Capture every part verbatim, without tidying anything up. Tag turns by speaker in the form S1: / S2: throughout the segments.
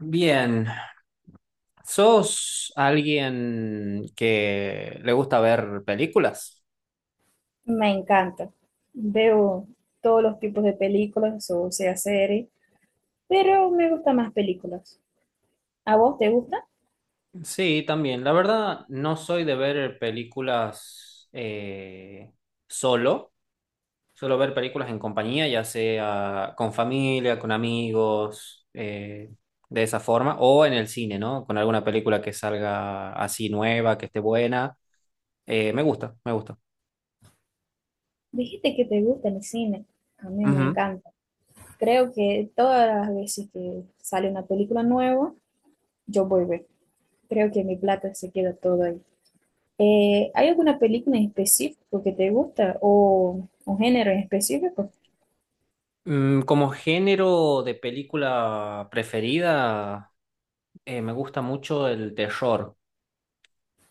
S1: Bien, ¿sos alguien que le gusta ver películas?
S2: Me encanta. Veo todos los tipos de películas, o sea, series, pero me gustan más películas. ¿A vos te gusta?
S1: Sí, también. La verdad, no soy de ver películas eh, solo. Suelo ver películas en compañía, ya sea con familia, con amigos, eh, de esa forma, o en el cine, ¿no? Con alguna película que salga así nueva, que esté buena. Eh, me gusta, me gusta.
S2: Dijiste que te gusta el cine. A mí me
S1: Ujú.
S2: encanta. Creo que todas las veces que sale una película nueva, yo voy a ver. Creo que mi plata se queda todo ahí. Eh, ¿hay alguna película en específico que te gusta o un género en específico?
S1: Mm, como género de película preferida. eh, me gusta mucho el terror.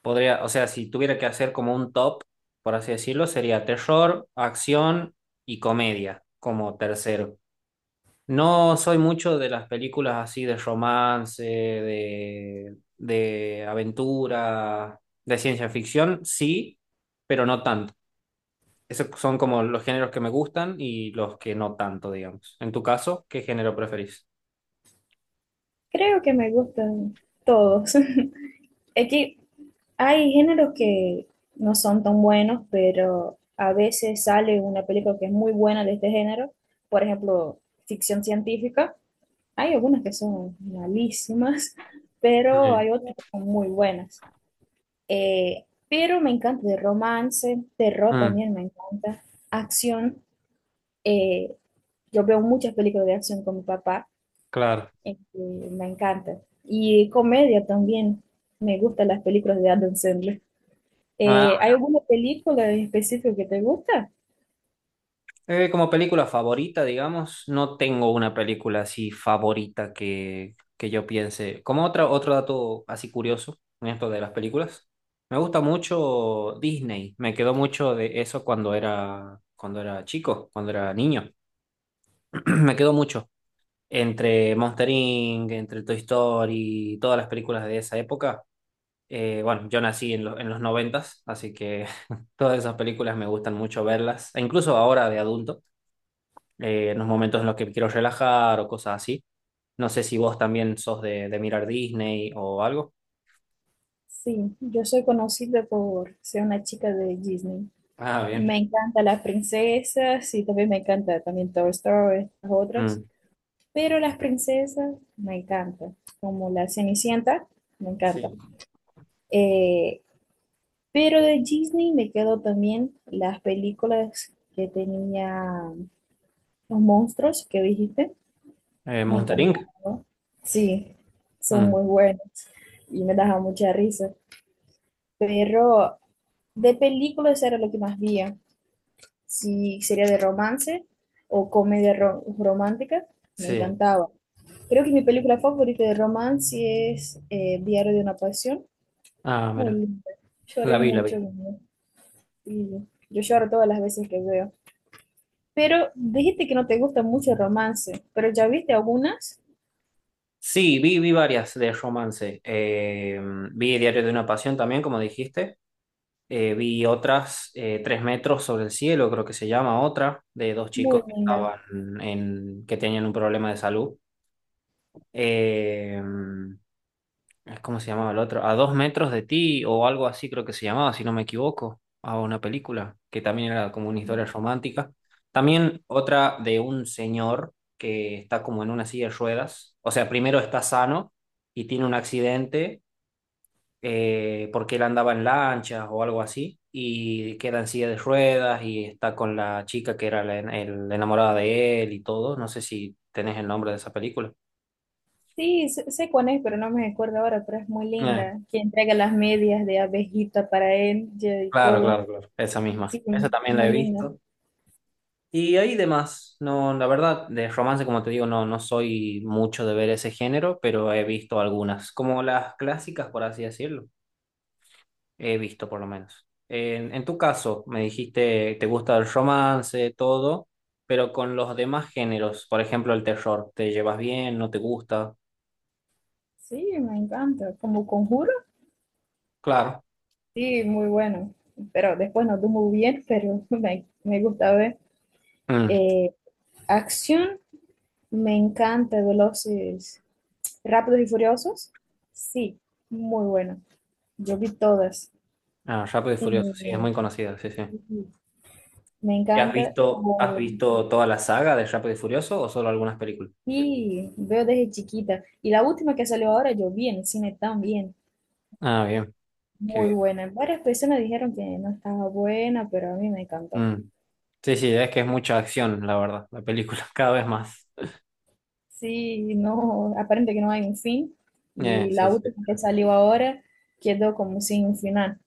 S1: Podría, o sea, si tuviera que hacer como un top, por así decirlo, sería terror, acción y comedia como tercero. No soy mucho de las películas así de romance, de, de aventura, de ciencia ficción, sí, pero no tanto. Esos son como los géneros que me gustan y los que no tanto, digamos. En tu caso, ¿qué género preferís?
S2: Creo que me gustan todos. Es que hay géneros que no son tan buenos, pero a veces sale una película que es muy buena de este género. Por ejemplo, ficción científica. Hay algunas que son malísimas, pero
S1: Mm,
S2: hay otras que son muy buenas. Eh, pero me encanta de romance, terror
S1: mm,
S2: también me encanta, acción. eh, yo veo muchas películas de acción con mi papá,
S1: claro.
S2: eh, que me encanta. Y comedia también. Me gustan las películas de Adam Sandler.
S1: Ah,
S2: Eh, ¿hay alguna película en específico que te gusta?
S1: Eh, como película favorita, digamos, no tengo una película así favorita que, que yo piense. Como otra, otro dato así curioso en esto de las películas, me gusta mucho Disney. Me quedó mucho de eso cuando era, cuando era chico, cuando era niño. Me quedó mucho. Entre Monster inc, entre Toy Story, todas las películas de esa época, eh, bueno, yo nací en, lo- en los noventas, así que todas esas películas me gustan mucho verlas, e incluso ahora de adulto, eh, en los momentos en los que me quiero relajar o cosas así. No sé si vos también sos de, de mirar Disney o algo.
S2: Sí, yo soy conocida por ser una chica de Disney.
S1: Ah, bien.
S2: Me encantan las princesas y también me encanta también Toy Story, las otras.
S1: Mm.
S2: Pero las princesas me encantan, como la Cenicienta, me encanta.
S1: Sí.
S2: Eh, pero de Disney me quedo también las películas que tenía los monstruos que dijiste,
S1: Eh,
S2: me
S1: Monster
S2: encantaron.
S1: inc.
S2: ¿No? Sí, son
S1: Mm,
S2: muy buenos y me daban mucha risa. Pero de películas era lo que más veía. Si sería de romance o comedia ro- romántica, me
S1: sí.
S2: encantaba. Creo que mi película favorita de romance es eh, Diario de una Pasión.
S1: Ah,
S2: Muy
S1: mira.
S2: linda.
S1: La
S2: Lloré
S1: vi, la vi.
S2: mucho. Niña. Y yo lloro todas las veces que veo. Pero dijiste que no te gusta mucho el romance, pero ya viste algunas.
S1: Sí, vi, vi varias de romance. Eh, vi Diario de una Pasión también, como dijiste. Eh, vi otras, eh, Tres metros sobre el cielo, creo que se llama otra, de dos chicos
S2: Muy
S1: que
S2: linda.
S1: estaban en, que tenían un problema de salud. Eh, mm, ¿cómo se llamaba el otro? A dos metros de ti o algo así creo que se llamaba, si no me equivoco, a una película que también era como una historia romántica. También otra de un señor que está como en una silla de ruedas. O sea, primero está sano y tiene un accidente eh, porque él andaba en lanchas o algo así, y queda en silla de ruedas y está con la chica que era la, en- el- la enamorada de él y todo. No sé si tenés el nombre de esa película.
S2: Sí, sé, sé cuál es, pero no me acuerdo ahora, pero es muy
S1: Eh,
S2: linda. Que entrega las medias de abejita para él ya, y
S1: claro,
S2: todo.
S1: claro, claro, esa misma.
S2: Sí,
S1: Esa también la
S2: muy
S1: he
S2: linda.
S1: visto. Y ahí demás, no, la verdad, de romance, como te digo, no, no soy mucho de ver ese género, pero he visto algunas, como las clásicas, por así decirlo. He visto, por lo menos. En, en tu caso, me dijiste, te gusta el romance, todo, pero con los demás géneros, por ejemplo, el terror, ¿te llevas bien? ¿No te gusta?
S2: Sí, me encanta. Como conjuro,
S1: Claro.
S2: sí, muy bueno. Pero después no estuvo muy bien, pero me, me gusta ver.
S1: Mm.
S2: Eh, acción, me encanta. Veloces, rápidos y furiosos, sí, muy bueno. Yo vi todas.
S1: Ah, Rápido y Furioso, sí, es
S2: Eh,
S1: muy conocida, sí, sí.
S2: me
S1: ¿Y has
S2: encanta.
S1: visto, has
S2: Oh,
S1: visto toda la saga de Rápido y Furioso o solo algunas películas?
S2: sí, veo desde chiquita. Y la última que salió ahora, yo vi en el cine también.
S1: Ah, bien, qué
S2: Muy
S1: bien.
S2: buena. Varias personas dijeron que no estaba buena, pero a mí me encantó.
S1: Mm. Sí, sí, es que es mucha acción, la verdad, la película, cada vez más.
S2: Sí, no, aparente que no hay un fin
S1: Eh,
S2: y la
S1: sí, sí.
S2: última que salió ahora quedó como sin un final.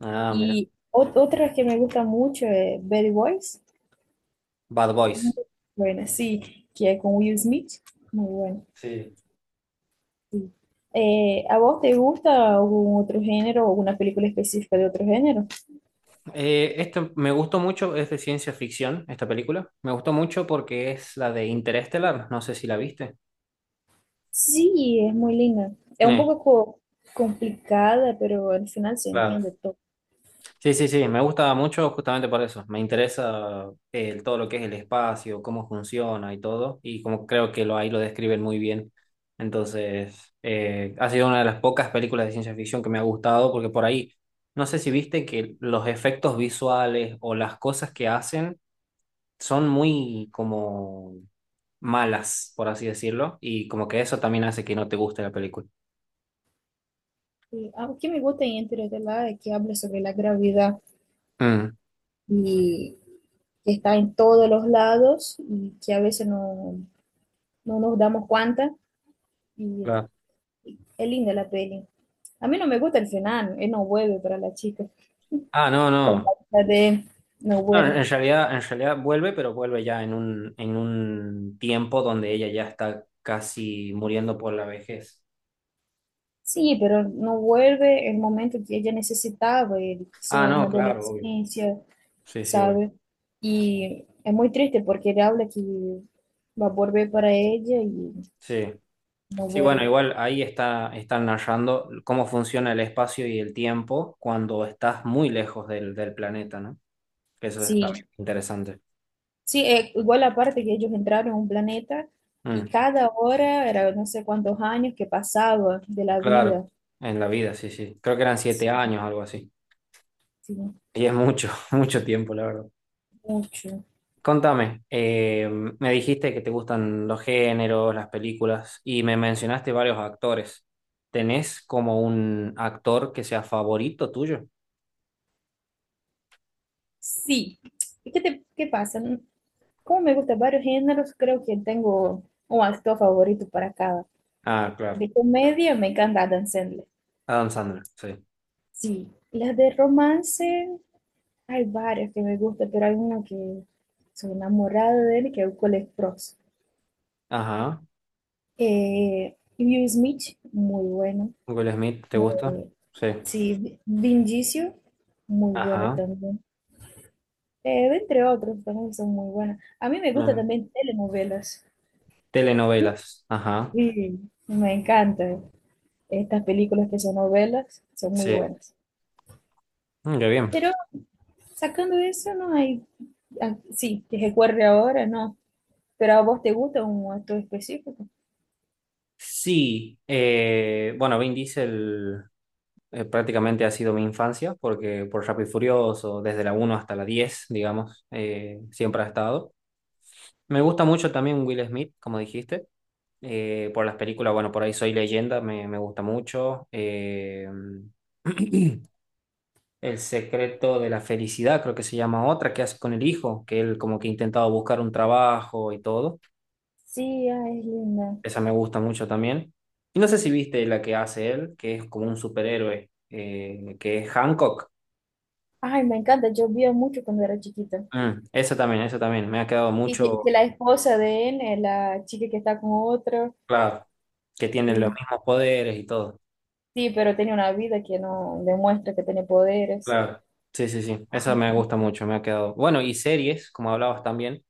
S1: Ah, mira.
S2: Y ot- otra que me gusta mucho es Bad Boys,
S1: Bad
S2: muy
S1: Boys.
S2: buena, sí, que es con Will Smith, muy buena.
S1: Sí.
S2: Sí. Eh, ¿a vos te gusta algún otro género o alguna película específica de otro género?
S1: Eh, este me gustó mucho, es de ciencia ficción, esta película. Me gustó mucho porque es la de Interestelar, no sé si la viste.
S2: Sí, es muy linda. Es un
S1: Eh,
S2: poco co- complicada, pero al final se
S1: claro.
S2: entiende todo.
S1: Sí, sí, sí, me gusta mucho justamente por eso. Me interesa eh, el- todo lo que es el espacio, cómo funciona y todo, y como creo que lo, ahí lo describen muy bien. Entonces, eh, ha sido una de las pocas películas de ciencia ficción que me ha gustado porque por ahí, no sé si viste que los efectos visuales o las cosas que hacen son muy como malas, por así decirlo, y como que eso también hace que no te guste la película.
S2: Y algo que me gusta en Interestelar es que habla sobre la gravedad.
S1: Mm,
S2: Y que está en todos los lados y que a veces no, no nos damos cuenta. Y
S1: claro.
S2: es linda la peli. A mí no me gusta el final, él no vuelve para la chica,
S1: Ah, no,
S2: para
S1: no.
S2: la de él, no
S1: No, en
S2: vuelve.
S1: en realidad, en realidad vuelve, pero vuelve ya en un, en un tiempo donde ella ya está casi muriendo por la vejez.
S2: Sí, pero no vuelve el momento que ella necesitaba, él,
S1: Ah,
S2: sea en la
S1: no, claro, obvio.
S2: adolescencia,
S1: Sí, sí, obvio.
S2: ¿sabe? Y es muy triste porque él habla que va a volver para ella y
S1: Sí.
S2: no
S1: Sí, bueno,
S2: vuelve.
S1: igual ahí está, están narrando cómo funciona el espacio y el tiempo cuando estás muy lejos del, del planeta, ¿no? Que eso es también
S2: Sí,
S1: interesante.
S2: sí, eh, igual aparte que ellos entraron a un planeta y
S1: Mm,
S2: cada hora era no sé cuántos años que pasaba de la
S1: claro,
S2: vida.
S1: en la vida, sí, sí. Creo que eran siete
S2: Sí,
S1: años, algo así.
S2: sí,
S1: Y es mucho, mucho tiempo, la verdad.
S2: mucho.
S1: Contame, eh, me dijiste que te gustan los géneros, las películas, y me mencionaste varios actores. ¿Tenés como un actor que sea favorito tuyo?
S2: Sí. ¿Y qué te, qué pasa? Como me gustan varios géneros, creo que tengo un actor favorito para cada.
S1: Ah, claro.
S2: De comedia me encanta Adam Sandler.
S1: Adam Sandler, sí.
S2: Sí. Las de romance, hay varias que me gustan, pero hay una que soy enamorada de él, que es Cole Sprouse.
S1: Ajá.
S2: Eh, Will Smith, muy bueno.
S1: Will Smith, ¿te gusta?
S2: Eh,
S1: Sí.
S2: sí, Vi- Vinicius, muy bueno
S1: Ajá.
S2: también. Eh, entre otros, también son muy buenos. A mí me gustan
S1: Ah,
S2: también telenovelas.
S1: telenovelas. Ajá.
S2: Sí, me encantan. Estas películas que son novelas son muy
S1: Sí.
S2: buenas.
S1: Mm, qué bien.
S2: Pero sacando eso, no hay. Ah, sí, que recuerde ahora, no. Pero a vos te gusta un actor específico.
S1: Sí. eh, bueno, Vin Diesel. eh, prácticamente ha sido mi infancia, porque por Rápido y Furioso, desde la uno hasta la diez digamos, eh, siempre ha estado. Me gusta mucho también Will Smith, como dijiste, eh, por las películas, bueno, por ahí Soy Leyenda, me, me gusta mucho. eh, El secreto de la felicidad, creo que se llama otra, que hace con el hijo, que él como que intentaba buscar un trabajo y todo.
S2: Sí, ay, es linda.
S1: Esa me gusta mucho también. Y no sé si viste la que hace él, que es como un superhéroe, eh, que es Hancock.
S2: Ay, me encanta. Yo vi mucho cuando era chiquita.
S1: Mm, eso también, eso también. Me ha quedado
S2: Y que,
S1: mucho.
S2: que la esposa de él, eh, la chica que está con otro.
S1: Claro. Que tienen los
S2: Sí.
S1: mismos poderes y todo.
S2: Sí, pero tenía una vida que no demuestra que tiene poderes.
S1: Claro. Sí, sí, sí. Eso me gusta mucho, me ha quedado. Bueno, y series, como hablabas también.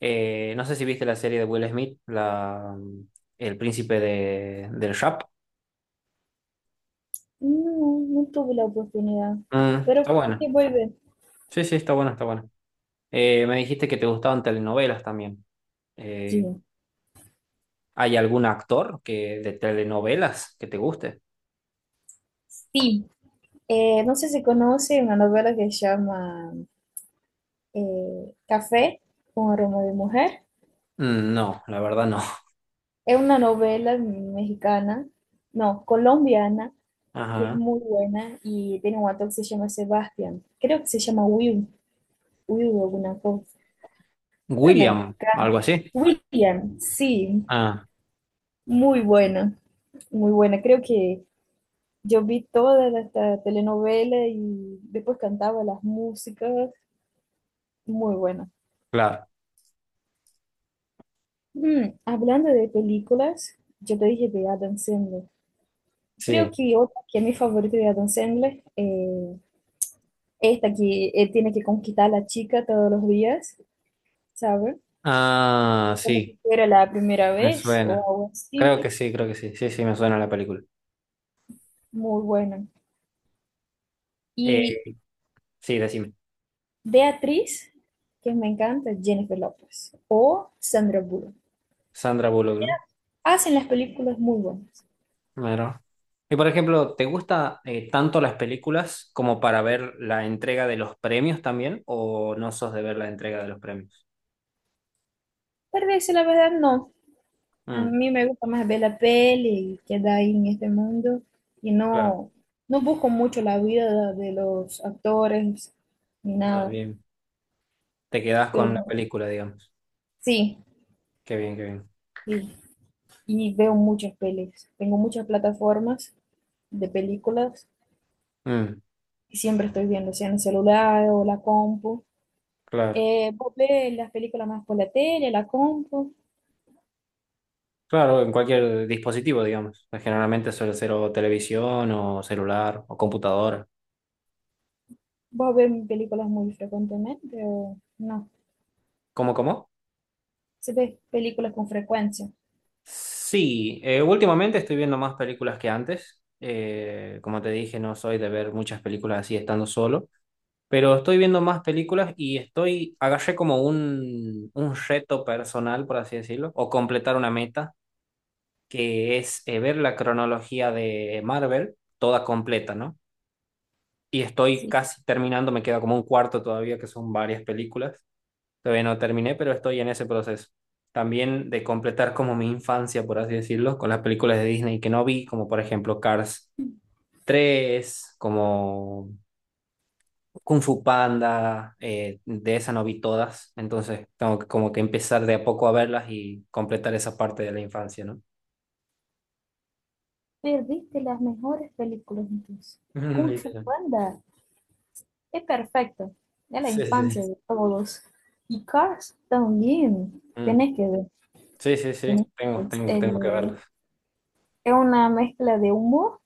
S1: Eh, no sé si viste la serie de Will Smith, la, mm, El príncipe de, del rap.
S2: No, no tuve la oportunidad.
S1: Mm,
S2: Pero
S1: está
S2: creo
S1: bueno.
S2: que vuelve.
S1: Sí, sí, está bueno, está bueno. Eh, me dijiste que te gustaban telenovelas también. Eh,
S2: Sí.
S1: ¿hay algún actor que, de telenovelas que te guste?
S2: Sí. Eh, no sé si conoce una novela que se llama eh, Café con aroma de mujer.
S1: Mm, no, la verdad no.
S2: Es una novela mexicana, no, colombiana, que es
S1: Ajá.
S2: muy buena y tiene un actor que se llama Sebastián. Creo que se llama Will, Will alguna cosa. Pero me
S1: William, algo
S2: encanta.
S1: así.
S2: William, sí. Muy buena, muy buena. Creo que yo vi toda la, esta telenovela y después cantaba las músicas. Muy buena.
S1: Claro,
S2: Mm, hablando de películas, yo te dije de Adam Sandler. Creo
S1: sí.
S2: que otra que es mi favorita de Adam Sandler, eh, esta que él tiene que conquistar a la chica todos los días, ¿sabes?
S1: Ah,
S2: Como si
S1: sí,
S2: fuera la primera
S1: me
S2: vez o
S1: suena.
S2: algo
S1: Creo
S2: así.
S1: que sí, creo que sí. Sí, sí, me suena la película.
S2: Muy buena.
S1: Eh,
S2: Y
S1: sí, decime.
S2: de actriz, que me encanta, Jennifer Lopez o Sandra Bullock.
S1: Sandra Bullock, ¿no?
S2: Hacen las películas muy buenas.
S1: Claro. Y por ejemplo, ¿te gusta eh, tanto las películas como para ver la entrega de los premios también? ¿O no sos de ver la entrega de los premios?
S2: Para decir la verdad, no. A
S1: Mm,
S2: mí me gusta más ver la peli y quedar ahí en este mundo y
S1: claro.
S2: no, no busco mucho la vida de los actores ni
S1: Ah,
S2: nada.
S1: bien. Te quedás con la
S2: Pero
S1: película, digamos.
S2: sí,
S1: Qué bien, qué bien.
S2: y, y veo muchas pelis. Tengo muchas plataformas de películas
S1: Mm,
S2: y siempre estoy viendo, sea en el celular o la compu.
S1: claro.
S2: Eh, vos ves las películas más por la tele, la compu.
S1: Claro, en cualquier dispositivo, digamos. Generalmente suele ser o televisión o celular o computadora.
S2: Vos ves películas muy frecuentemente o no.
S1: ¿Cómo, cómo?
S2: Se ve películas con frecuencia.
S1: Sí, eh, últimamente estoy viendo más películas que antes. Eh, como te dije, no soy de ver muchas películas así estando solo, pero estoy viendo más películas y estoy, agarré como un, un reto personal, por así decirlo, o completar una meta, que es eh, ver la cronología de Marvel toda completa, ¿no? Y estoy
S2: Sí,
S1: casi terminando, me queda como un cuarto todavía, que son varias películas. Todavía no terminé, pero estoy en ese proceso. También de completar como mi infancia, por así decirlo, con las películas de Disney que no vi, como por ejemplo Cars tres, como Kung Fu Panda, eh, de esa no vi todas, entonces tengo que como que empezar de a poco a verlas y completar esa parte de la infancia, ¿no?
S2: perdiste las mejores películas entonces.
S1: Mm,
S2: Kung Fu
S1: literal.
S2: Panda es perfecto. Es la
S1: Sí, sí, sí.
S2: infancia de todos. Y Cars también.
S1: Mm.
S2: Tenés que ver.
S1: Sí, sí, sí,
S2: Tenés que
S1: tengo,
S2: ver. Es,
S1: tengo, tengo que
S2: eh,
S1: verlas.
S2: es una mezcla de humor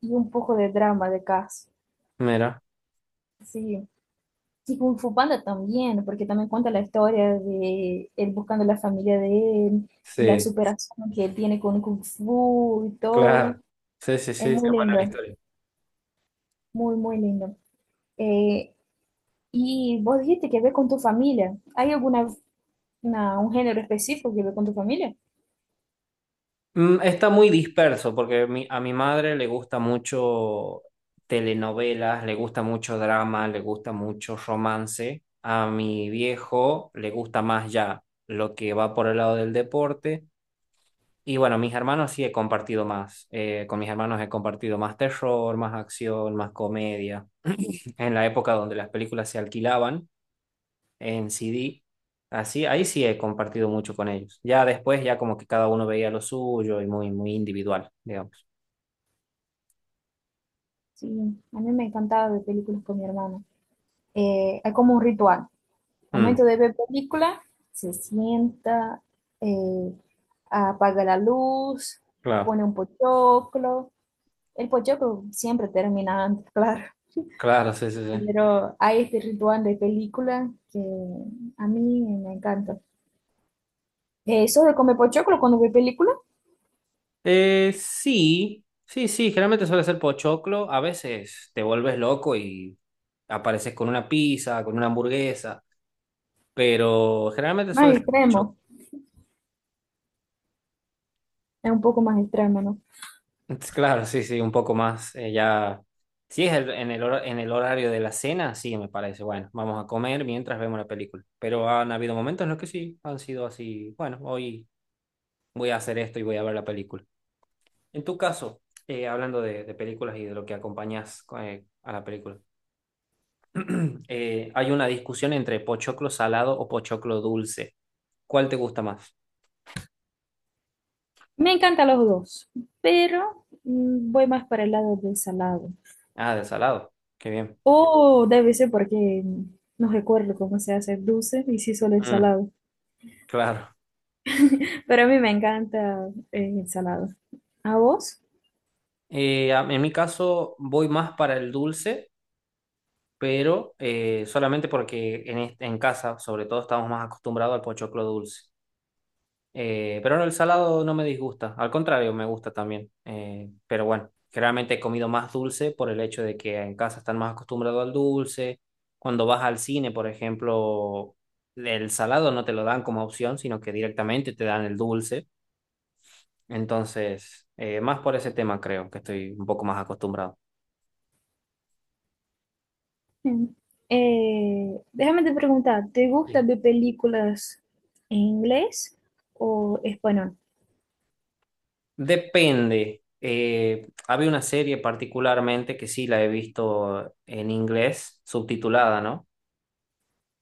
S2: y un poco de drama de Cars.
S1: Mira,
S2: Sí. Y Kung Fu Panda también, porque también cuenta la historia de él buscando la familia de él, y la
S1: sí,
S2: superación que él tiene con Kung Fu y todo.
S1: claro. Sí, sí, sí,
S2: Es
S1: está
S2: muy
S1: buena la
S2: lindo.
S1: historia.
S2: Muy, muy lindo. Eh, y vos dijiste que ve con tu familia. ¿Hay alguna una- un género específico que ve con tu familia?
S1: Mm, está muy disperso porque mi- a mi madre le gusta mucho telenovelas, le gusta mucho drama, le gusta mucho romance. A mi viejo le gusta más ya lo que va por el lado del deporte. Y bueno, mis hermanos sí he compartido más. Eh, con mis hermanos he compartido más terror, más acción, más comedia. En la época donde las películas se alquilaban en C D, así, ahí sí he compartido mucho con ellos. Ya después, ya como que cada uno veía lo suyo y muy, muy individual, digamos.
S2: Sí, a mí me encantaba ver películas con mi hermano. Eh, hay como un ritual.
S1: Mm,
S2: Momento de ver película, se sienta, eh, apaga la luz,
S1: claro,
S2: pone un pochoclo. El pochoclo siempre termina antes, claro.
S1: claro, sí, sí, sí.
S2: Pero hay este ritual de película que a mí me encanta. Eh, ¿sos de comer pochoclo cuando ve película?
S1: Eh, sí, sí, sí, generalmente suele ser pochoclo. A veces te vuelves loco y apareces con una pizza, con una hamburguesa, pero generalmente
S2: Más
S1: suele ser pochoclo.
S2: extremo, es un poco más extremo, ¿no?
S1: Entonces, claro, sí, sí, un poco más. eh, ya, si es el- en el, hor en el horario de la cena, sí, me parece. Bueno, vamos a comer mientras vemos la película. Pero han habido momentos en los que sí, han sido así, bueno, hoy voy a hacer esto y voy a ver la película. En tu caso, eh, hablando de, de películas y de lo que acompañas eh, a la película, eh, hay una discusión entre pochoclo salado o pochoclo dulce. ¿Cuál te gusta más?
S2: Me encantan los dos, pero mm, voy más para el lado del salado.
S1: Ah, del salado. Qué bien.
S2: O debe ser porque mm, no recuerdo cómo se hace el dulce y sí solo el
S1: Mm,
S2: salado.
S1: claro.
S2: Pero a mí me encanta eh, el salado. ¿A vos?
S1: Eh, a- en mi caso, voy más para el dulce, pero eh, solamente porque en, est- en casa, sobre todo, estamos más acostumbrados al pochoclo dulce. Eh, pero no, el salado no me disgusta, al contrario, me gusta también. Eh, pero bueno, generalmente he comido más dulce por el hecho de que en casa están más acostumbrados al dulce. Cuando vas al cine, por ejemplo, el salado no te lo dan como opción, sino que directamente te dan el dulce. Entonces, eh, más por ese tema creo que estoy un poco más acostumbrado.
S2: Mm. Eh, déjame te preguntar, ¿te
S1: Sí.
S2: gustan ver películas en inglés o español?
S1: Depende. Eh, había una serie particularmente que sí la he visto en inglés, subtitulada, ¿no?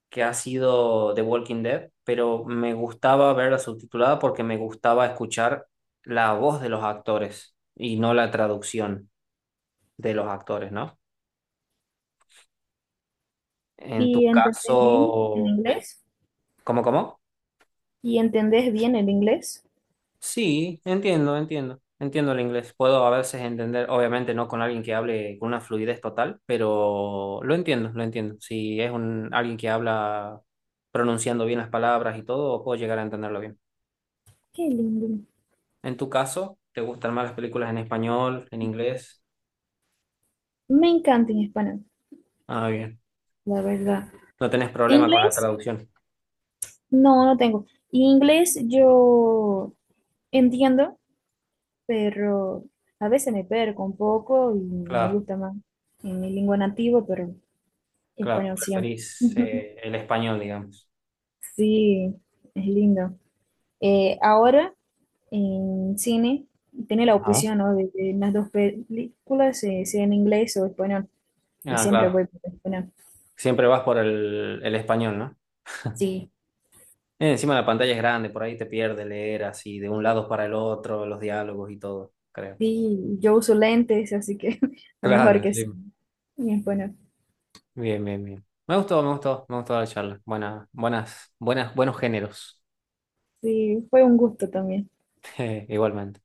S1: que ha sido The Walking Dead, pero me gustaba verla subtitulada porque me gustaba escuchar la voz de los actores y no la traducción de los actores, ¿no? En tu
S2: ¿Y entendés bien el
S1: caso, eh,
S2: inglés?
S1: ¿cómo, cómo?
S2: ¿Y entendés bien el inglés?
S1: Sí, entiendo, entiendo. Entiendo el inglés. Puedo a veces entender, obviamente no con alguien que hable con una fluidez total, pero lo entiendo, lo entiendo. Si es un, alguien que habla pronunciando bien las palabras y todo, puedo llegar a entenderlo bien.
S2: Qué lindo.
S1: En tu caso, ¿te gustan más las películas en español, en inglés?
S2: Me encanta en español.
S1: Ah, bien.
S2: La verdad.
S1: No tenés problema con la
S2: Inglés,
S1: traducción.
S2: no, no tengo. Inglés yo entiendo, pero a veces me perco un poco y me
S1: Claro,
S2: gusta más en mi lengua nativa, pero
S1: claro.
S2: español siempre.
S1: Preferís eh, el español, digamos.
S2: Sí, es lindo. Eh, ahora en cine tiene la
S1: Ajá.
S2: opción, ¿no? De que las dos películas, eh, sea en inglés o español, y
S1: Ah,
S2: siempre
S1: claro.
S2: voy por español.
S1: Siempre vas por el, el español, ¿no?
S2: Sí,
S1: Eh, encima la pantalla es grande, por ahí te pierdes leer así de un lado para el otro, los diálogos y todo, creo.
S2: sí, yo uso lentes, así que lo mejor
S1: Claro,
S2: que sí,
S1: sí.
S2: en español.
S1: Bien, bien, bien. Me gustó, me gustó, me gustó la charla. Buena, buenas, buenas, buenos géneros.
S2: Sí, fue un gusto también.
S1: Igualmente.